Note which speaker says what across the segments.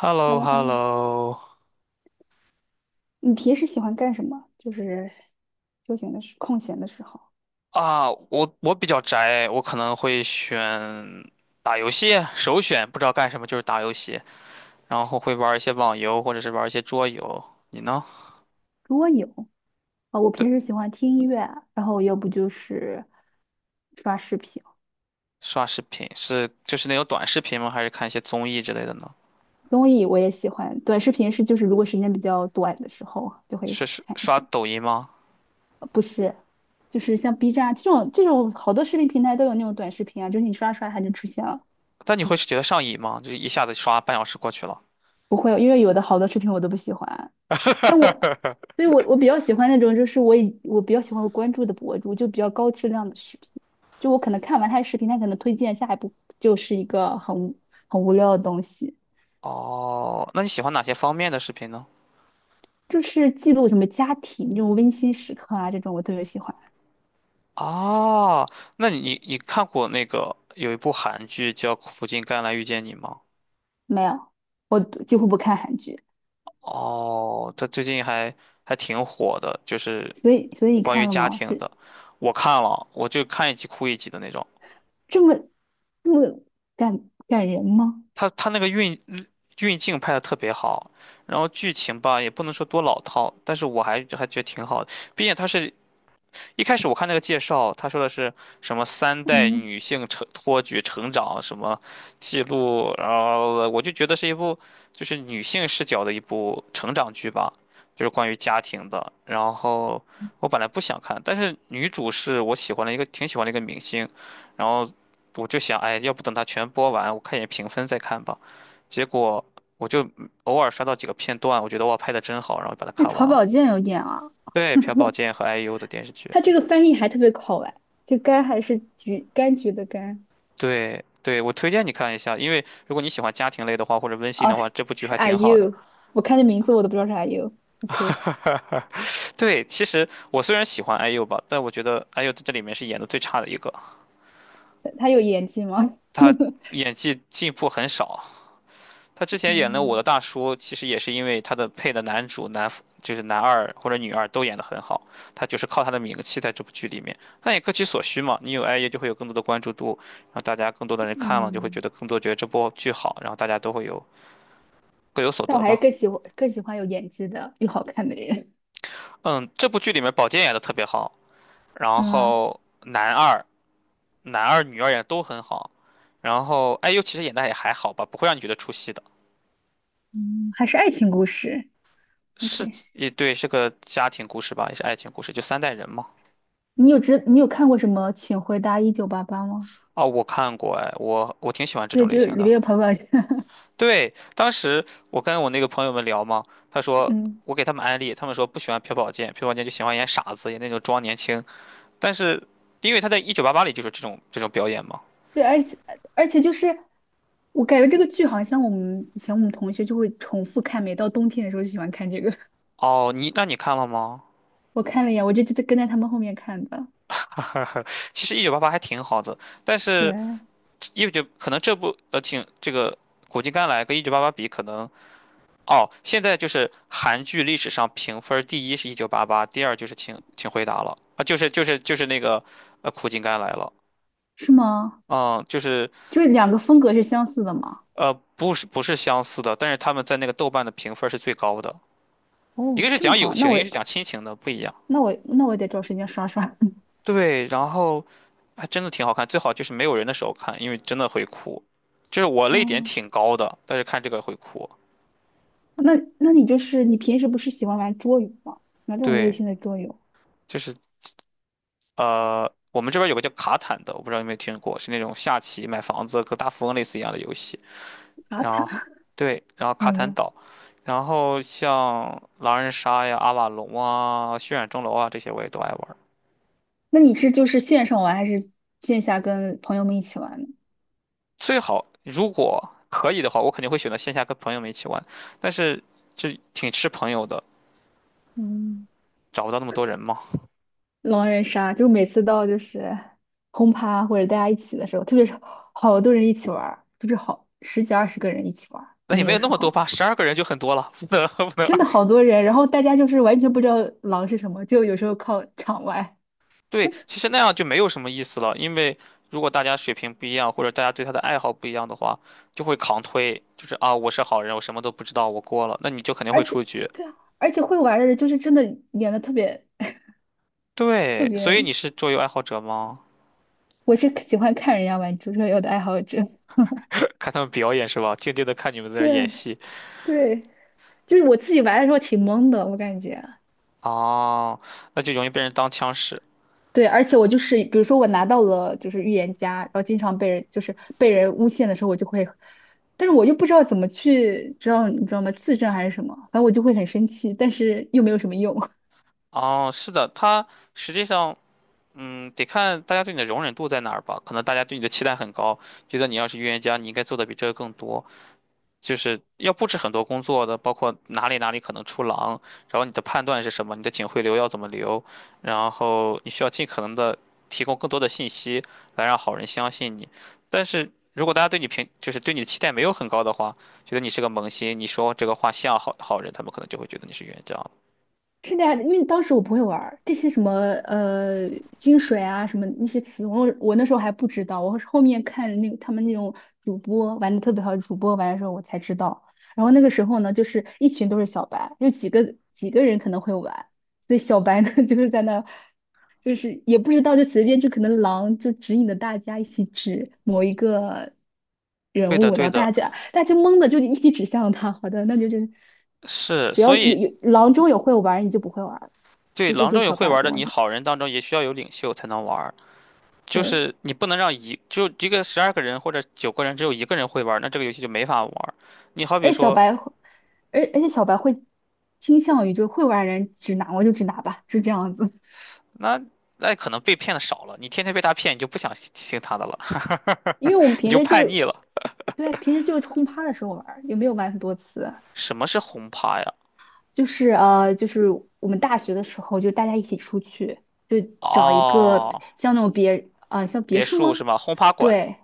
Speaker 1: h e l l o
Speaker 2: h e l l o
Speaker 1: h
Speaker 2: h
Speaker 1: e
Speaker 2: e l
Speaker 1: l
Speaker 2: l
Speaker 1: l
Speaker 2: o
Speaker 1: o
Speaker 2: 你平时喜欢干什么？休闲的时，空闲的时候。
Speaker 1: 啊，我比较宅，我可能会选打游戏，首选不知道干什么就是打游戏，然后会玩一些网游或者是玩一些桌游。你呢？
Speaker 2: 如果有啊，我平
Speaker 1: 对，
Speaker 2: 时喜欢听音乐啊，然后要不就是刷视频。
Speaker 1: 刷视频是就是那种短视频吗？还是看一些综艺之类的呢？
Speaker 2: 综艺我也喜欢，短视频就是如果时间比较短的时候就
Speaker 1: 就
Speaker 2: 会
Speaker 1: 是刷
Speaker 2: 看一
Speaker 1: 刷
Speaker 2: 下。
Speaker 1: 抖音吗？
Speaker 2: 不是，就是像 B 站啊这种好多视频平台都有那种短视频啊，就是你刷刷它就出现了。
Speaker 1: 但你会觉得上瘾吗？就是一下子刷半小时过去了。
Speaker 2: 不会，因为有的好多视频我都不喜欢，但我，所以我比较喜欢那种，就是我比较喜欢我关注的博主，就比较高质量的视频。就我可能看完他的视频，他可能推荐下一步就是一个很无聊的东西，
Speaker 1: 哦，那你喜欢哪些方面的视频呢？
Speaker 2: 就是记录什么家庭这种温馨时刻啊，这种我特别喜欢。
Speaker 1: 哦，那你看过那个有一部韩剧叫《苦尽甘来遇见你》吗？
Speaker 2: 没有，我几乎不看韩剧。
Speaker 1: 哦，它最近还挺火的，就是
Speaker 2: 所以你
Speaker 1: 关于
Speaker 2: 看了
Speaker 1: 家
Speaker 2: 吗？
Speaker 1: 庭
Speaker 2: 是
Speaker 1: 的。我看了，我就看一集哭一集的那种。
Speaker 2: 这么这么感人吗？
Speaker 1: 它那个运镜拍的特别好，然后剧情吧也不能说多老套，但是我还觉得挺好的。毕竟它是一开始我看那个介绍，他说的是什么三代
Speaker 2: 嗯，
Speaker 1: 女性成托举成长什么记录，然后我就觉得是一部就是女性视角的一部成长剧吧，就是关于家庭的。然后我本来不想看，但是女主是我喜欢的一个挺喜欢的一个明星，然后我就想，哎，要不等它全播完，我看一眼评分再看吧。结果我就偶尔刷到几个片段，我觉得哇，拍的真好，然后把它
Speaker 2: 那
Speaker 1: 看完
Speaker 2: 曹
Speaker 1: 了。
Speaker 2: 宝剑有点啊，
Speaker 1: 对，朴宝剑和 IU 的电视剧。
Speaker 2: 他这个翻译还特别好玩，这柑还是橘柑橘的柑。
Speaker 1: 对对，我推荐你看一下，因为如果你喜欢家庭类的话，或者温馨
Speaker 2: 哦，
Speaker 1: 的话，这部剧
Speaker 2: 是
Speaker 1: 还
Speaker 2: Are
Speaker 1: 挺
Speaker 2: y o
Speaker 1: 好的。
Speaker 2: u 我看这名字我都不知道是 Are y o u OK。
Speaker 1: 对，其实我虽然喜欢 IU 吧，但我觉得 IU 在这里面是演的最差的一个，
Speaker 2: 他有演技吗？
Speaker 1: 他 演技进步很少。他之前演了《我的
Speaker 2: 嗯
Speaker 1: 大叔》，其实也是因为他的配的男主男就是男二或者女二都演得很好，他就是靠他的名气在这部剧里面。但也各取所需嘛，你有 IU 就会有更多的关注度，然后大家更多的人看了就会觉
Speaker 2: 嗯，
Speaker 1: 得更多觉得这部剧好，然后大家都会有各有所
Speaker 2: 但我
Speaker 1: 得
Speaker 2: 还是
Speaker 1: 嘛。
Speaker 2: 更喜欢有演技的又好看的人。
Speaker 1: 嗯，这部剧里面宝剑演的特别好，然
Speaker 2: 嗯啊
Speaker 1: 后男二、男二、女二演的都很好，然后 IU 其实演的也还好吧，不会让你觉得出戏的。
Speaker 2: 嗯，还是爱情故事。
Speaker 1: 是，
Speaker 2: OK,
Speaker 1: 也对，是个家庭故事吧，也是爱情故事，就三代人嘛。
Speaker 2: 你有看过什么《请回答1988》吗？
Speaker 1: 哦，我看过，哎，我挺喜欢这
Speaker 2: 对，
Speaker 1: 种类
Speaker 2: 就是
Speaker 1: 型
Speaker 2: 里
Speaker 1: 的。
Speaker 2: 面有彭宝强。
Speaker 1: 对，当时我跟我那个朋友们聊嘛，他说
Speaker 2: 嗯，
Speaker 1: 我给他们安利，他们说不喜欢朴宝剑，朴宝剑就喜欢演傻子，演那种装年轻。但是因为他在《一九八八》里就是这种表演嘛。
Speaker 2: 对，而且就是我感觉这个剧好像我们以前我们同学就会重复看，每到冬天的时候就喜欢看这个。
Speaker 1: 哦，那你看了吗？
Speaker 2: 我看了一眼，我就跟在他们后面看的。
Speaker 1: 哈哈哈，其实一九八八还挺好的，但是
Speaker 2: 对。
Speaker 1: 一九可能这部挺这个苦尽甘来跟一九八八比，可能哦，现在就是韩剧历史上评分第一是一九八八，第二就是请回答了啊，就是那个苦尽甘来了，
Speaker 2: 是吗？
Speaker 1: 嗯，就是
Speaker 2: 就是两个风格是相似的吗？
Speaker 1: 不是相似的，但是他们在那个豆瓣的评分是最高的，一
Speaker 2: 哦，
Speaker 1: 个是
Speaker 2: 这么
Speaker 1: 讲友
Speaker 2: 好，那
Speaker 1: 情，一
Speaker 2: 我
Speaker 1: 个是讲亲情的，不一样。
Speaker 2: 那我那我得找时间刷刷。
Speaker 1: 对，然后还真的挺好看，最好就是没有人的时候看，因为真的会哭。就是我泪点
Speaker 2: 哦，
Speaker 1: 挺高的，但是看这个会哭。
Speaker 2: 那那你就是你平时不是喜欢玩桌游吗？玩这种类
Speaker 1: 对，
Speaker 2: 型的桌游？
Speaker 1: 就是我们这边有个叫卡坦的，我不知道有没有听过，是那种下棋、买房子跟大富翁类似一样的游戏。
Speaker 2: 啊，
Speaker 1: 然
Speaker 2: 坦，
Speaker 1: 后对，然后卡
Speaker 2: 好
Speaker 1: 坦
Speaker 2: 的。
Speaker 1: 岛，然后像狼人杀呀、阿瓦隆啊、血染钟楼啊这些我也都爱玩儿。
Speaker 2: 那你是就是线上玩还是线下跟朋友们一起玩呢？
Speaker 1: 最好如果可以的话，我肯定会选择线下跟朋友们一起玩，但是就挺吃朋友的，
Speaker 2: 嗯，
Speaker 1: 找不到那么多人嘛。
Speaker 2: 狼人杀，就每次到就是轰趴或者大家一起的时候，特别是好多人一起玩儿，就是好十几二十个人一起玩儿
Speaker 1: 那
Speaker 2: 我
Speaker 1: 也
Speaker 2: 们
Speaker 1: 没
Speaker 2: 有
Speaker 1: 有那
Speaker 2: 时
Speaker 1: 么多
Speaker 2: 候。
Speaker 1: 吧，十二个人就很多了，不能 不能
Speaker 2: 真
Speaker 1: 二
Speaker 2: 的
Speaker 1: 十。
Speaker 2: 好多人，然后大家就是完全不知道狼是什么，就有时候靠场外。
Speaker 1: 对，其实那样就没有什么意思了，因为如果大家水平不一样，或者大家对他的爱好不一样的话，就会扛推，就是啊，我是好人，我什么都不知道，我过了，那你就肯定
Speaker 2: 而
Speaker 1: 会出
Speaker 2: 且
Speaker 1: 局。
Speaker 2: 对啊，而且会玩的人就是真的演的特别特
Speaker 1: 对，所
Speaker 2: 别，
Speaker 1: 以你是桌游爱好者吗？
Speaker 2: 我是喜欢看人家玩足球有的爱好者。
Speaker 1: 看他们表演是吧？静静的看你们在 这儿演
Speaker 2: 对
Speaker 1: 戏。
Speaker 2: 对，就是我自己玩的时候挺懵的，我感觉。
Speaker 1: 哦，那就容易被人当枪使。
Speaker 2: 对，而且我就是，比如说我拿到了就是预言家，然后经常被人诬陷的时候，我就会，但是我又不知道怎么去，知道你知道吗？自证还是什么，反正我就会很生气，但是又没有什么用。
Speaker 1: 哦，是的，他实际上，得看大家对你的容忍度在哪儿吧。可能大家对你的期待很高，觉得你要是预言家，你应该做的比这个更多。就是要布置很多工作的，包括哪里哪里可能出狼，然后你的判断是什么，你的警徽流要怎么留，然后你需要尽可能的提供更多的信息来让好人相信你。但是如果大家对你评，就是对你的期待没有很高的话，觉得你是个萌新，你说这个话像好人，他们可能就会觉得你是冤家
Speaker 2: 是那样的，因为当时我不会玩儿这些什么金水啊什么那些词，我那时候还不知道，我是后面看那个他们那种主播玩的特别好，主播玩的时候我才知道。然后那个时候呢，就是一群都是小白，就几个人可能会玩，所以小白呢 就是在那儿就是也不知道，就随便就可能狼就指引着大家一起指某一个人
Speaker 1: 对的，
Speaker 2: 物，然
Speaker 1: 对
Speaker 2: 后
Speaker 1: 的，
Speaker 2: 大家懵的就一起指向他。好的，那就就是
Speaker 1: 是，
Speaker 2: 只要
Speaker 1: 所
Speaker 2: 有
Speaker 1: 以
Speaker 2: 有狼中有会玩儿你就不会玩儿了。
Speaker 1: 对
Speaker 2: 就这
Speaker 1: 狼
Speaker 2: 些
Speaker 1: 中有
Speaker 2: 小
Speaker 1: 会
Speaker 2: 白
Speaker 1: 玩的，
Speaker 2: 就完
Speaker 1: 你
Speaker 2: 全
Speaker 1: 好人当中也需要有领袖才能玩。就
Speaker 2: 对，
Speaker 1: 是你不能让一个十二个人或者9个人只有一个人会玩那这个游戏就没法玩你好比
Speaker 2: 而且小
Speaker 1: 说，
Speaker 2: 白会而且小白会倾向于就是会玩儿的人指哪我就指哪吧，是这样子。
Speaker 1: 那那可能被骗的少了，你天天被他骗，你就不想听他的了，
Speaker 2: 因 为我们
Speaker 1: 你
Speaker 2: 平
Speaker 1: 就
Speaker 2: 时
Speaker 1: 叛
Speaker 2: 就
Speaker 1: 逆了。
Speaker 2: 对，平时就轰趴的时候玩儿，也没有玩很多次。
Speaker 1: 什么是轰趴呀？
Speaker 2: 就是就是我们大学的时候，就大家一起出去，就找一个
Speaker 1: 哦，
Speaker 2: 像那种别啊，像别
Speaker 1: 别
Speaker 2: 墅
Speaker 1: 墅
Speaker 2: 吗？
Speaker 1: 是吧？轰趴馆。
Speaker 2: 对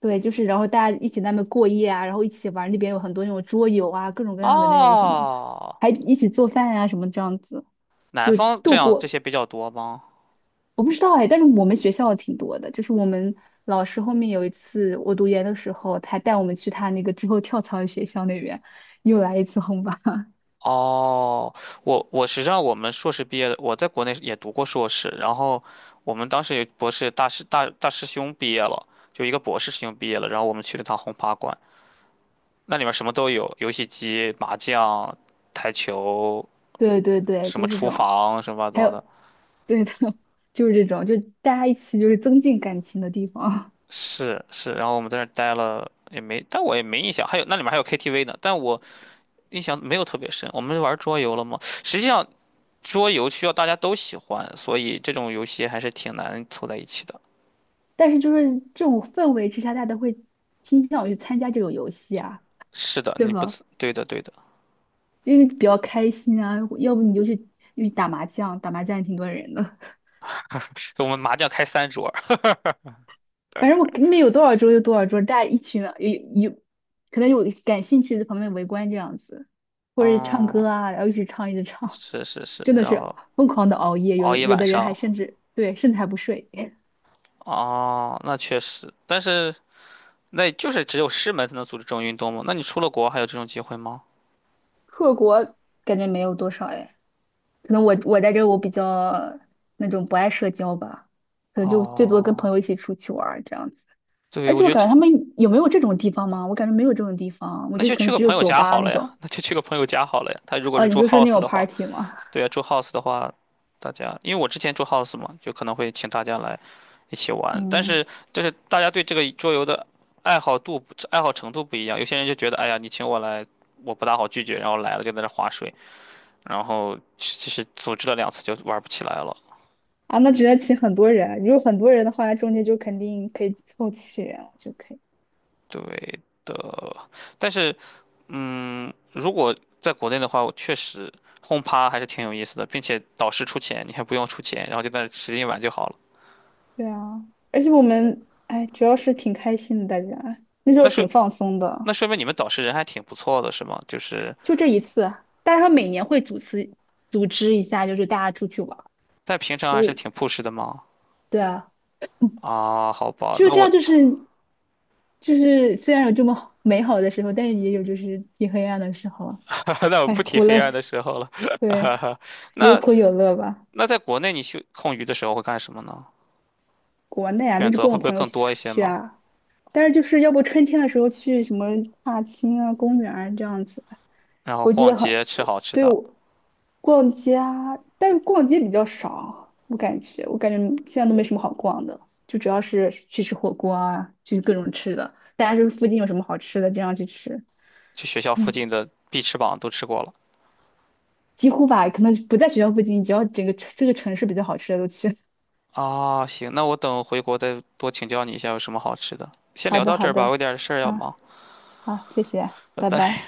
Speaker 2: 对，就是然后大家一起在那边过夜啊，然后一起玩那边有很多那种桌游啊，各种各样的那种什么，
Speaker 1: 哦，
Speaker 2: 还一起做饭啊什么这样子，
Speaker 1: 南
Speaker 2: 就
Speaker 1: 方这
Speaker 2: 度
Speaker 1: 样这
Speaker 2: 过。
Speaker 1: 些比较多吗？
Speaker 2: 我不知道哎，但是我们学校挺多的，就是我们老师后面有一次我读研的时候，他带我们去他那个之后跳槽的学校那边，又来一次轰趴。
Speaker 1: 哦，我实际上我们硕士毕业的，我在国内也读过硕士，然后我们当时有博士大师兄毕业了，就一个博士师兄毕业了，然后我们去了趟轰趴馆，那里面什么都有，游戏机、麻将、台球，
Speaker 2: 对对对，
Speaker 1: 什么
Speaker 2: 就是这
Speaker 1: 厨
Speaker 2: 种。
Speaker 1: 房什么乱七
Speaker 2: 还
Speaker 1: 八糟的，
Speaker 2: 有 对的，就是这种，就大家一起就是增进感情的地方。
Speaker 1: 是是，然后我们在那儿待了也没，但我也没印象，还有那里面还有 KTV 呢，但我印象没有特别深。我们玩桌游了吗？实际上桌游需要大家都喜欢，所以这种游戏还是挺难凑在一起的。
Speaker 2: 但是就是这种氛围之下，大家都会倾向于参加这种游戏啊，
Speaker 1: 是的，
Speaker 2: 对
Speaker 1: 你不
Speaker 2: 吧？
Speaker 1: 吃，对的，对的。
Speaker 2: 因为比较开心啊，要不你就去打麻将，打麻将也挺多人的。
Speaker 1: 我们麻将开3桌儿，
Speaker 2: 反正我那边有多少桌就多少桌，大家一群人，可能有感兴趣的旁边围观这样子，或者唱
Speaker 1: 哦，
Speaker 2: 歌啊，然后一直唱一直唱，
Speaker 1: 是是是，
Speaker 2: 真的
Speaker 1: 然
Speaker 2: 是
Speaker 1: 后
Speaker 2: 疯狂的熬夜，有
Speaker 1: 熬一
Speaker 2: 有
Speaker 1: 晚
Speaker 2: 的人还
Speaker 1: 上，
Speaker 2: 甚至甚至还不睡。
Speaker 1: 哦，那确实，但是那就是只有师门才能组织这种运动吗？那你出了国还有这种机会吗？
Speaker 2: 克国感觉没有多少哎。可能我在这儿我比较那种不爱社交吧，可能就最多跟朋
Speaker 1: 哦，
Speaker 2: 友一起出去玩儿这样子。
Speaker 1: 对，
Speaker 2: 而
Speaker 1: 我
Speaker 2: 且
Speaker 1: 觉
Speaker 2: 我
Speaker 1: 得
Speaker 2: 感
Speaker 1: 这
Speaker 2: 觉他们有没有这种地方吗？我感觉没有这种地方，我
Speaker 1: 那
Speaker 2: 就
Speaker 1: 就
Speaker 2: 可
Speaker 1: 去
Speaker 2: 能
Speaker 1: 个
Speaker 2: 只有
Speaker 1: 朋友
Speaker 2: 酒
Speaker 1: 家
Speaker 2: 吧
Speaker 1: 好
Speaker 2: 那
Speaker 1: 了呀，
Speaker 2: 种。
Speaker 1: 那就去个朋友家好了呀。他如果
Speaker 2: 哦，
Speaker 1: 是
Speaker 2: 你
Speaker 1: 住
Speaker 2: 就说那
Speaker 1: house
Speaker 2: 种
Speaker 1: 的话。
Speaker 2: party 吗？
Speaker 1: 对啊，住 house 的话，大家因为我之前住 house 嘛，就可能会请大家来一起 玩，但
Speaker 2: 嗯，
Speaker 1: 是就是大家对这个桌游的爱好度、爱好程度不一样，有些人就觉得，哎呀，你请我来，我不大好拒绝，然后来了就在那划水，然后其实组织了2次就玩不起来了。
Speaker 2: 啊，那只能请很多人。如果很多人的话，中间就肯定可以凑齐人了就可以。
Speaker 1: 对，但是如果在国内的话，我确实轰趴还是挺有意思的，并且导师出钱，你还不用出钱，然后就在那使劲玩就好了。
Speaker 2: 对啊，而且我们哎，主要是挺开心的，大家那时候
Speaker 1: 那说
Speaker 2: 挺放松的，
Speaker 1: 那说明你们导师人还挺不错的，是吗？就是。
Speaker 2: 就这一次。但是他每年会组织一下，就是大家出去玩儿。
Speaker 1: 在平常
Speaker 2: 有，
Speaker 1: 还是挺朴实的嘛。
Speaker 2: 对啊，嗯，
Speaker 1: 啊，好吧，
Speaker 2: 就
Speaker 1: 那
Speaker 2: 这样，
Speaker 1: 我
Speaker 2: 就是就是虽然有这么 美好的时候，但是也有就是挺黑暗的时候啊。
Speaker 1: 那我
Speaker 2: 哎，
Speaker 1: 不提
Speaker 2: 苦乐，
Speaker 1: 黑暗的时候了。
Speaker 2: 对，有
Speaker 1: 那
Speaker 2: 苦有乐吧。
Speaker 1: 那在国内你去空余的时候会干什么呢？
Speaker 2: 国内啊，那
Speaker 1: 选
Speaker 2: 就
Speaker 1: 择
Speaker 2: 跟
Speaker 1: 会
Speaker 2: 我
Speaker 1: 不会
Speaker 2: 朋友一
Speaker 1: 更
Speaker 2: 起
Speaker 1: 多一
Speaker 2: 出
Speaker 1: 些
Speaker 2: 去
Speaker 1: 吗？
Speaker 2: 啊，但是就是要不春天的时候去什么踏青啊、公园啊这样子。
Speaker 1: 然后
Speaker 2: 我记
Speaker 1: 逛
Speaker 2: 得很，
Speaker 1: 街、吃
Speaker 2: 我
Speaker 1: 好吃
Speaker 2: 对
Speaker 1: 的，
Speaker 2: 我逛街啊，但是逛街比较少，我感觉，现在都没什么好逛的，就主要是去吃火锅啊，去各种吃的，大家就是附近有什么好吃的，这样去吃。
Speaker 1: 去学校附
Speaker 2: 嗯，
Speaker 1: 近的必吃榜都吃过了。
Speaker 2: 几乎吧，可能不在学校附近，只要整个这个城市比较好吃的都去。
Speaker 1: 啊，行，那我等回国再多请教你一下有什么好吃的。先
Speaker 2: 好
Speaker 1: 聊
Speaker 2: 的，
Speaker 1: 到这
Speaker 2: 好
Speaker 1: 儿吧，我
Speaker 2: 的，
Speaker 1: 有点事儿要
Speaker 2: 嗯，
Speaker 1: 忙，
Speaker 2: 好，谢谢，
Speaker 1: 拜
Speaker 2: 拜
Speaker 1: 拜。
Speaker 2: 拜。